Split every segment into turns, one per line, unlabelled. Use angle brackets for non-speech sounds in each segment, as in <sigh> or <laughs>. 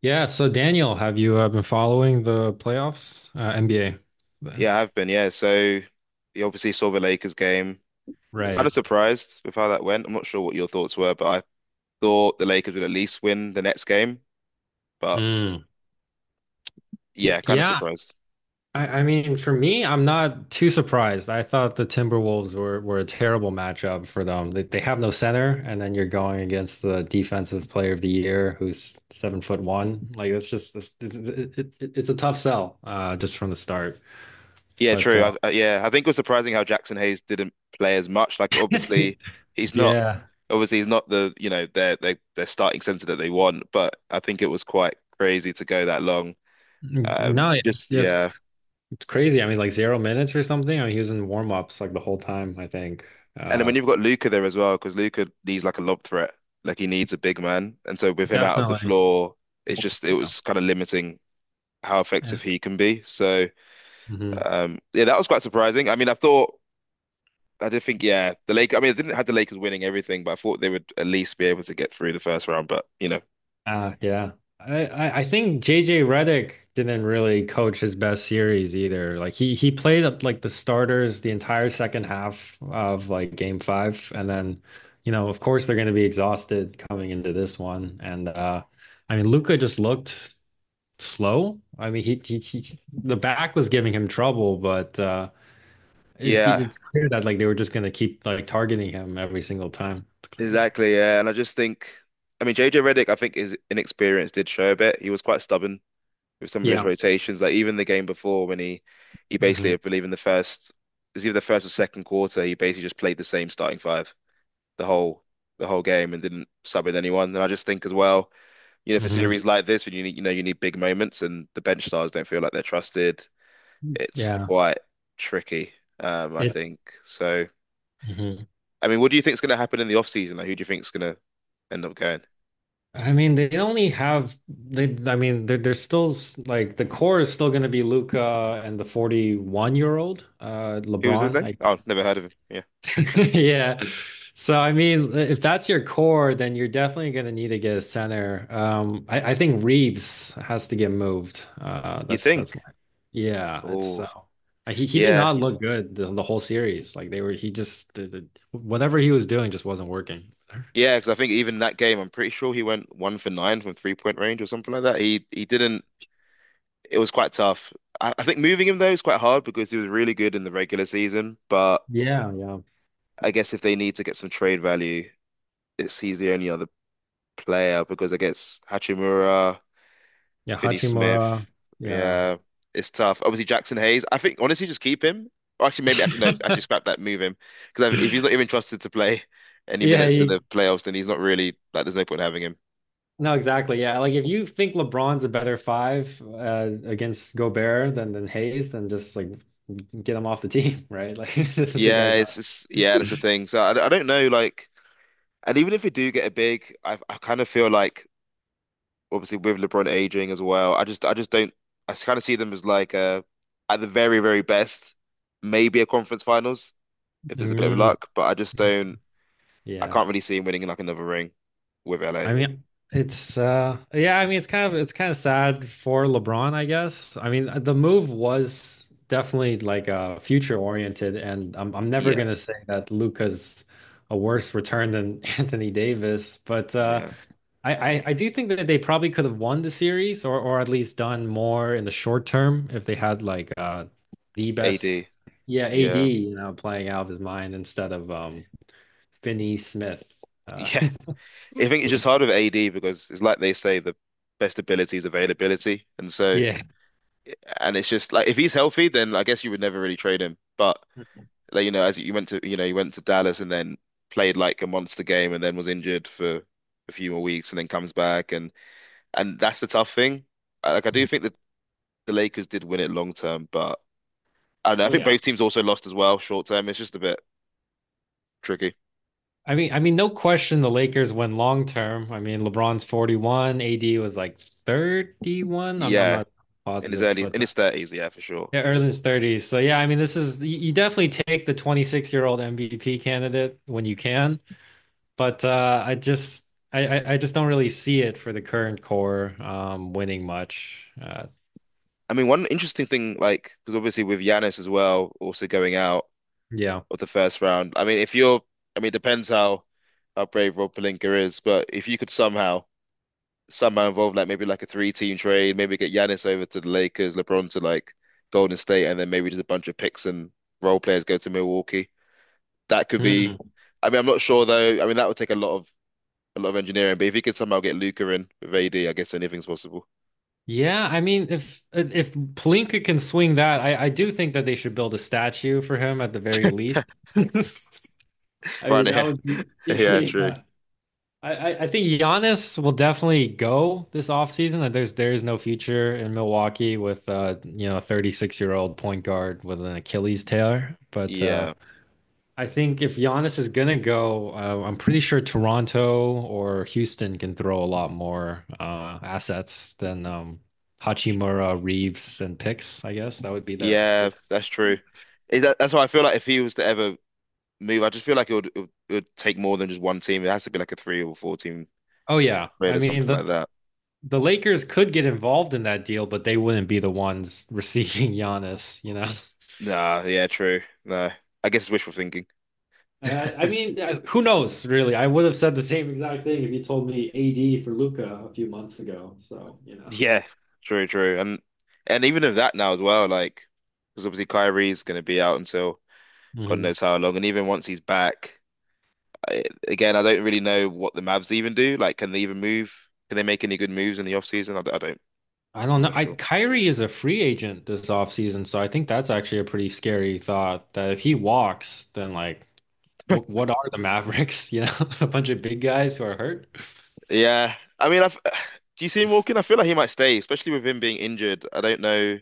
Yeah, so Daniel, have you been following the playoffs, NBA?
Yeah, I have been. Yeah, so you obviously saw the Lakers game. Kind of
Right.
surprised with how that went. I'm not sure what your thoughts were, but I thought the Lakers would at least win the next game. But
Mm. Y-
yeah, kind of
Yeah,
surprised.
I mean, for me, I'm not too surprised. I thought the Timberwolves were a terrible matchup for them. They have no center, and then you're going against the defensive player of the year who's 7 foot one. Like, that's just it's a tough sell, just from the start.
Yeah,
But
true. Yeah, I think it was surprising how Jackson Hayes didn't play as much. Like, obviously,
<laughs>
he's not.
yeah.
Obviously, he's not the you know their starting center that they want. But I think it was quite crazy to go that long.
Mm, no, yeah,
Just
yeah.
yeah.
It's crazy. I mean, like 0 minutes or something. I mean, he was in warm-ups like the whole time, I think.
And then
Uh,
when you've got Luca there as well, because Luca needs like a lob threat, like he needs a big man. And so with him out of the
Definitely.
floor, it
Yeah.
was kind of limiting how
Yeah.
effective he can be. So
Hmm.
yeah, that was quite surprising. I did think, yeah, the Lakers. I mean, I didn't have the Lakers winning everything, but I thought they would at least be able to get through the first round. But you know,
Yeah. I think JJ Redick didn't really coach his best series either. Like he played up like the starters the entire second half of like game five. And then, you know, of course they're gonna be exhausted coming into this one. And I mean Luca just looked slow. I mean he the back was giving him trouble, but It,
yeah,
it's clear that like they were just gonna keep like targeting him every single time. It's clear.
exactly. Yeah, and I just think. I mean, JJ Redick, I think his inexperience did show a bit. He was quite stubborn with some of his
Yeah.
rotations. Like even the game before when he basically,
Hmm.
I believe in the first, it was either the first or second quarter, he basically just played the same starting five the whole the whole game and didn't sub in anyone. And I just think as well, you know, for
Hmm.
series like this when you need, you know, you need big moments and the bench stars don't feel like they're trusted, it's
Yeah.
quite tricky, I
It.
think. So
Hmm.
I mean, what do you think is going to happen in the off season? Like, who do you think is going to end up going?
I mean, they only have they. I mean, they're still like the core is still gonna be Luca and the 41-year-old year old
Who was his
LeBron.
name?
I...
Oh, never heard of him. Yeah.
<laughs> Yeah. So I mean, if that's your core, then you're definitely going to need to get a center. I think Reeves has to get moved.
You
That's
think?
my... Yeah. It's
Oh,
so he did
yeah.
not look good the whole series. Like they were, he just whatever he was doing just wasn't working. <laughs>
Yeah, because I think even that game, I'm pretty sure he went one for nine from 3-point range or something like that. He didn't. It was quite tough. I think moving him though is quite hard because he was really good in the regular season. But
Yeah, yeah,
I guess if they need to get some trade value, it's he's the only other player, because I guess Hachimura,
yeah.
Finney Smith,
Hachimura, yeah.
yeah, it's tough. Obviously Jackson Hayes. I think honestly, just keep him. Or actually, maybe actually no, actually
<laughs>
scrap that, move him because if he's not even trusted to play <laughs> any
Yeah.
minutes in the
He...
playoffs, then he's not really like. There's no point in having him.
No, exactly. Yeah. Like if you think LeBron's a better five against Gobert than Hayes, then just like get him off the team, right? Like <laughs> the
Yeah,
guy's
it's
not...
just, yeah, that's the thing. So I don't know, like, and even if we do get a big, I kind of feel like obviously with LeBron aging as well, I just don't, I kind of see them as like at the very best maybe a conference finals if there's a bit of
Mm.
luck, but I just don't, I
Yeah.
can't really see him winning like another ring with LA.
I mean, it's yeah, I mean it's kind of sad for LeBron, I guess. I mean, the move was definitely like future oriented and I'm never
Yeah,
gonna say that Luca's a worse return than <laughs> Anthony Davis, but
yeah,
I, I do think that they probably could have won the series or at least done more in the short term if they had like the best...
AD,
Yeah,
yeah,
AD,
<laughs>
you know, playing out of his mind instead of Finney Smith... uh
yeah. I think it's just hard with AD because it's like they say the best ability is availability, and
<laughs>
so.
yeah.
And it's just like if he's healthy, then I guess you would never really trade him. But like you know, as you went to, you know, you went to Dallas and then played like a monster game and then was injured for a few more weeks and then comes back, and that's the tough thing. Like I do
Oh
think that the Lakers did win it long term, but I don't know, I think
yeah.
both teams also lost as well short term. It's just a bit tricky.
I mean, no question the Lakers win long term. I mean, LeBron's 41, AD was like 31. I'm
Yeah,
not
in his
positive,
early, in
but
his thirties, yeah, for sure.
yeah, Erden's 30s. So yeah, I mean, this is you definitely take the 26-year-old MVP candidate when you can, but I just don't really see it for the current core winning much.
I mean, one interesting thing, like, because obviously with Giannis as well, also going out
Yeah.
of the first round. I mean, if you're, I mean, it depends how brave Rob Pelinka is, but if you could somehow somehow involve like maybe like a three team trade, maybe get Giannis over to the Lakers, LeBron to like Golden State, and then maybe just a bunch of picks and role players go to Milwaukee. That could
Hmm.
be. I mean, I'm not sure though. I mean, that would take a lot of engineering, but if you could somehow get Luca in with AD, I guess anything's possible. <laughs>
Yeah, I mean, if Palinka can swing that, I do think that they should build a statue for him at the very least. <laughs> I
Right
mean, that would be
now,
<laughs>
<laughs> yeah, true.
yeah. I think Giannis will definitely go this offseason. Like, there is no future in Milwaukee with you know a 36-year-old year old point guard with an Achilles tear. But
Yeah.
I think if Giannis is gonna go, I'm pretty sure Toronto or Houston can throw a lot more assets than Hachimura, Reeves, and picks. I guess that would be the,
Yeah,
the.
that's true. Is that that's why I feel like if he was to ever move. I just feel like it would, it would take more than just one team. It has to be like a three or four team
Oh yeah,
raid
I
or
mean
something like
the
that.
the Lakers could get involved in that deal, but they wouldn't be the ones <laughs> receiving Giannis. You know,
Nah, yeah, true. No, I guess it's wishful thinking. <laughs>
I mean, who knows? Really, I would have said the same exact thing if you told me AD for Luca a few months ago. So you know.
Yeah. True, true. And even of that now as well, like because obviously Kyrie's going to be out until God
Mhm.
knows how long, and even once he's back, I, again, I don't really know what the Mavs even do. Like, can they even move? Can they make any good moves in the off season? I don't.
I don't
I'm
know.
not
I
sure.
Kyrie is a free agent this offseason, so I think that's actually a pretty scary thought that if he walks, then like what are the Mavericks? <laughs> You know, a bunch of big guys who are hurt.
Yeah, I mean, <sighs> do you see him walking? I feel like he might stay, especially with him being injured. I don't know.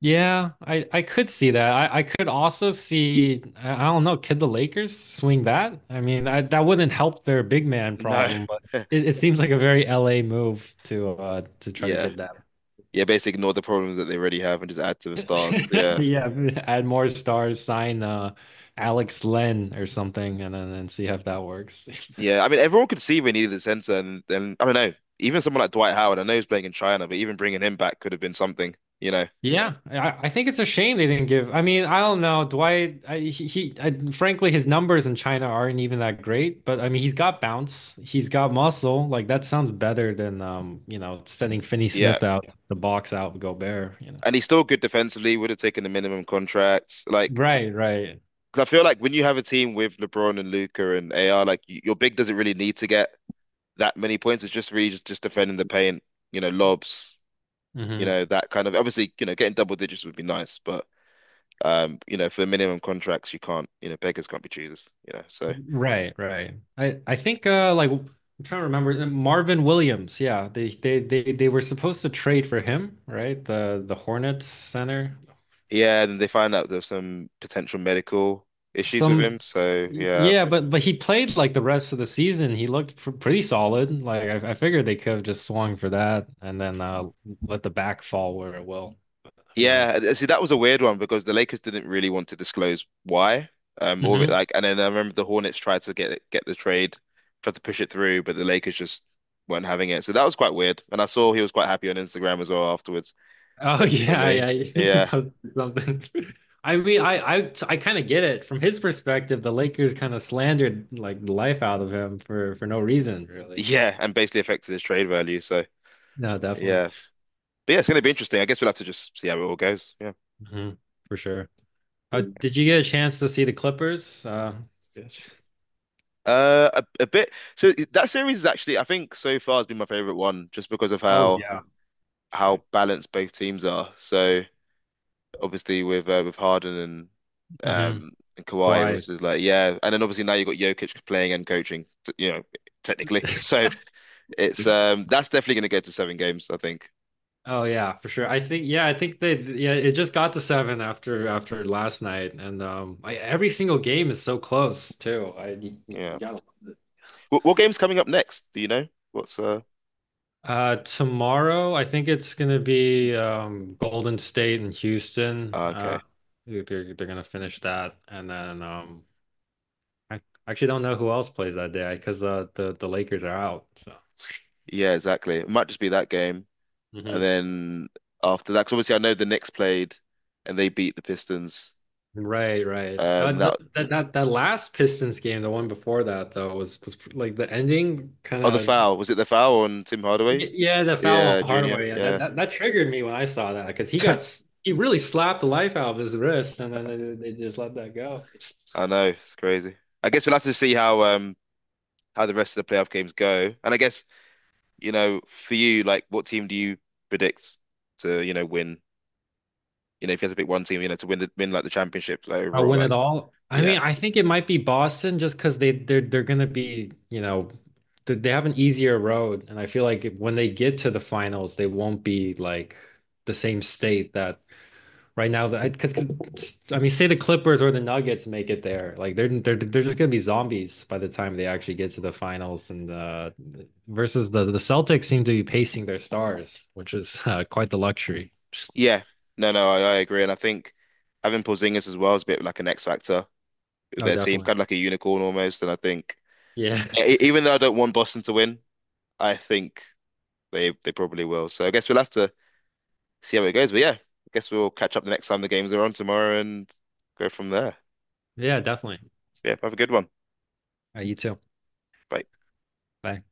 Yeah, I could see that. I could also see... I don't know, could the Lakers swing that? I mean, I, that wouldn't help their big man
No,
problem, but it seems like a very LA move to try to
yeah.
get that.
Yeah, basically ignore the problems that they already have and just add to the stars.
<laughs>
Yeah.
Yeah, add more stars, sign Alex Len or something, and then and see if that works. <laughs>
Yeah. I mean, everyone could see they needed a center, and then I don't know. Even someone like Dwight Howard, I know he's playing in China, but even bringing him back could have been something, you know.
Yeah, I think it's a shame they didn't give. I mean, I don't know, Dwight. I, he I, frankly, his numbers in China aren't even that great. But I mean, he's got bounce, he's got muscle. Like that sounds better than you know, sending Finney
Yeah.
Smith out the box out with Gobert. You know,
And he's still good defensively, would have taken the minimum contracts. Like,
right, right.
because I feel like when you have a team with LeBron and Luca and AR, like your big doesn't really need to get that many points. It's just really just defending the paint, you know, lobs, you
Mhm.
know, that kind of, obviously, you know, getting double digits would be nice, but you know, for minimum contracts, you can't, you know, beggars can't be choosers, you know. So
Right, right. I think like I'm trying to remember Marvin Williams. Yeah, they were supposed to trade for him, right? The Hornets center.
yeah, and they find out there's some potential medical issues with
Some,
him. So yeah.
yeah, but he played like the rest of the season. He looked pr pretty solid. Like I figured they could have just swung for that and then let the back fall where it will. Who
Yeah,
knows?
see, that was a weird one because the Lakers didn't really want to disclose why. All of it,
Mhm.
like, and then I remember the Hornets tried to get it, get the trade, tried to push it through, but the Lakers just weren't having it. So that was quite weird. And I saw he was quite happy on Instagram as well afterwards,
Oh
posting a
yeah,
meme.
yeah. <laughs> You can
Yeah,
post something. I mean, I kind of get it from his perspective. The Lakers kind of slandered like the life out of him for no reason, really.
yeah, and basically affected his trade value. So
No, definitely.
yeah. But yeah, it's going to be interesting. I guess we'll have to just see how it all goes. Yeah.
Hmm. For sure. Did you get a chance to see the Clippers? Uh... Yes.
A bit. So that series is actually, I think, so far has been my favorite one, just because of
Oh yeah.
how
Right.
balanced both teams are. So obviously with Harden
Hmm.
and Kawhi, it was
Kawhi.
just like yeah, and then obviously now you've got Jokic playing and coaching, you know, technically. <laughs> So
<laughs>
it's that's definitely going to go to 7 games, I think.
Oh yeah, for sure. I think yeah, I think they yeah, it just got to seven after last night, and every single game is so close too. You
Yeah.
gotta love it.
What game's coming up next? Do you know? What's
Tomorrow, I think it's gonna be Golden State and Houston.
Ah, okay.
They're gonna finish that, and then I actually don't know who else plays that day because the Lakers are out. So...
Yeah, exactly. It might just be that game.
Hmm.
And then after that, 'cause obviously I know the Knicks played and they beat the Pistons.
Right, right.
And
Th
that,
that last Pistons game, the one before that though, was like the ending kind
oh, the
of...
foul. Was it the foul on Tim Hardaway?
Yeah, the foul
Yeah,
on
Junior.
Hardaway. Yeah, that
Yeah.
that that triggered me when I saw that because he really slapped the life out of his wrist, and then they just let that go.
I know. It's crazy. I guess we'll have to see how the rest of the playoff games go. And I guess, you know, for you, like what team do you predict to, you know, win? You know, if you had to pick one team, you know, to win, the win like the championship like,
I
overall,
win
like
it all. I
yeah.
mean, I think it might be Boston just because they're gonna be, you know, they have an easier road, and I feel like when they get to the finals, they won't be like the same state that right now. That because I mean, say the Clippers or the Nuggets make it there, like they're just gonna be zombies by the time they actually get to the finals. And versus the Celtics seem to be pacing their stars, which is quite the luxury.
Yeah. No, no, I agree. And I think having Porzingis as well is a bit like an X factor.
Oh,
Their team,
definitely.
kind of like a unicorn almost. And I think,
Yeah,
yeah, even though I don't want Boston to win, I think they probably will. So I guess we'll have to see how it goes. But yeah, I guess we'll catch up the next time the games are on tomorrow and go from there.
<laughs> yeah, definitely.
Yeah, have a good one.
You too.
Bye.
Bye.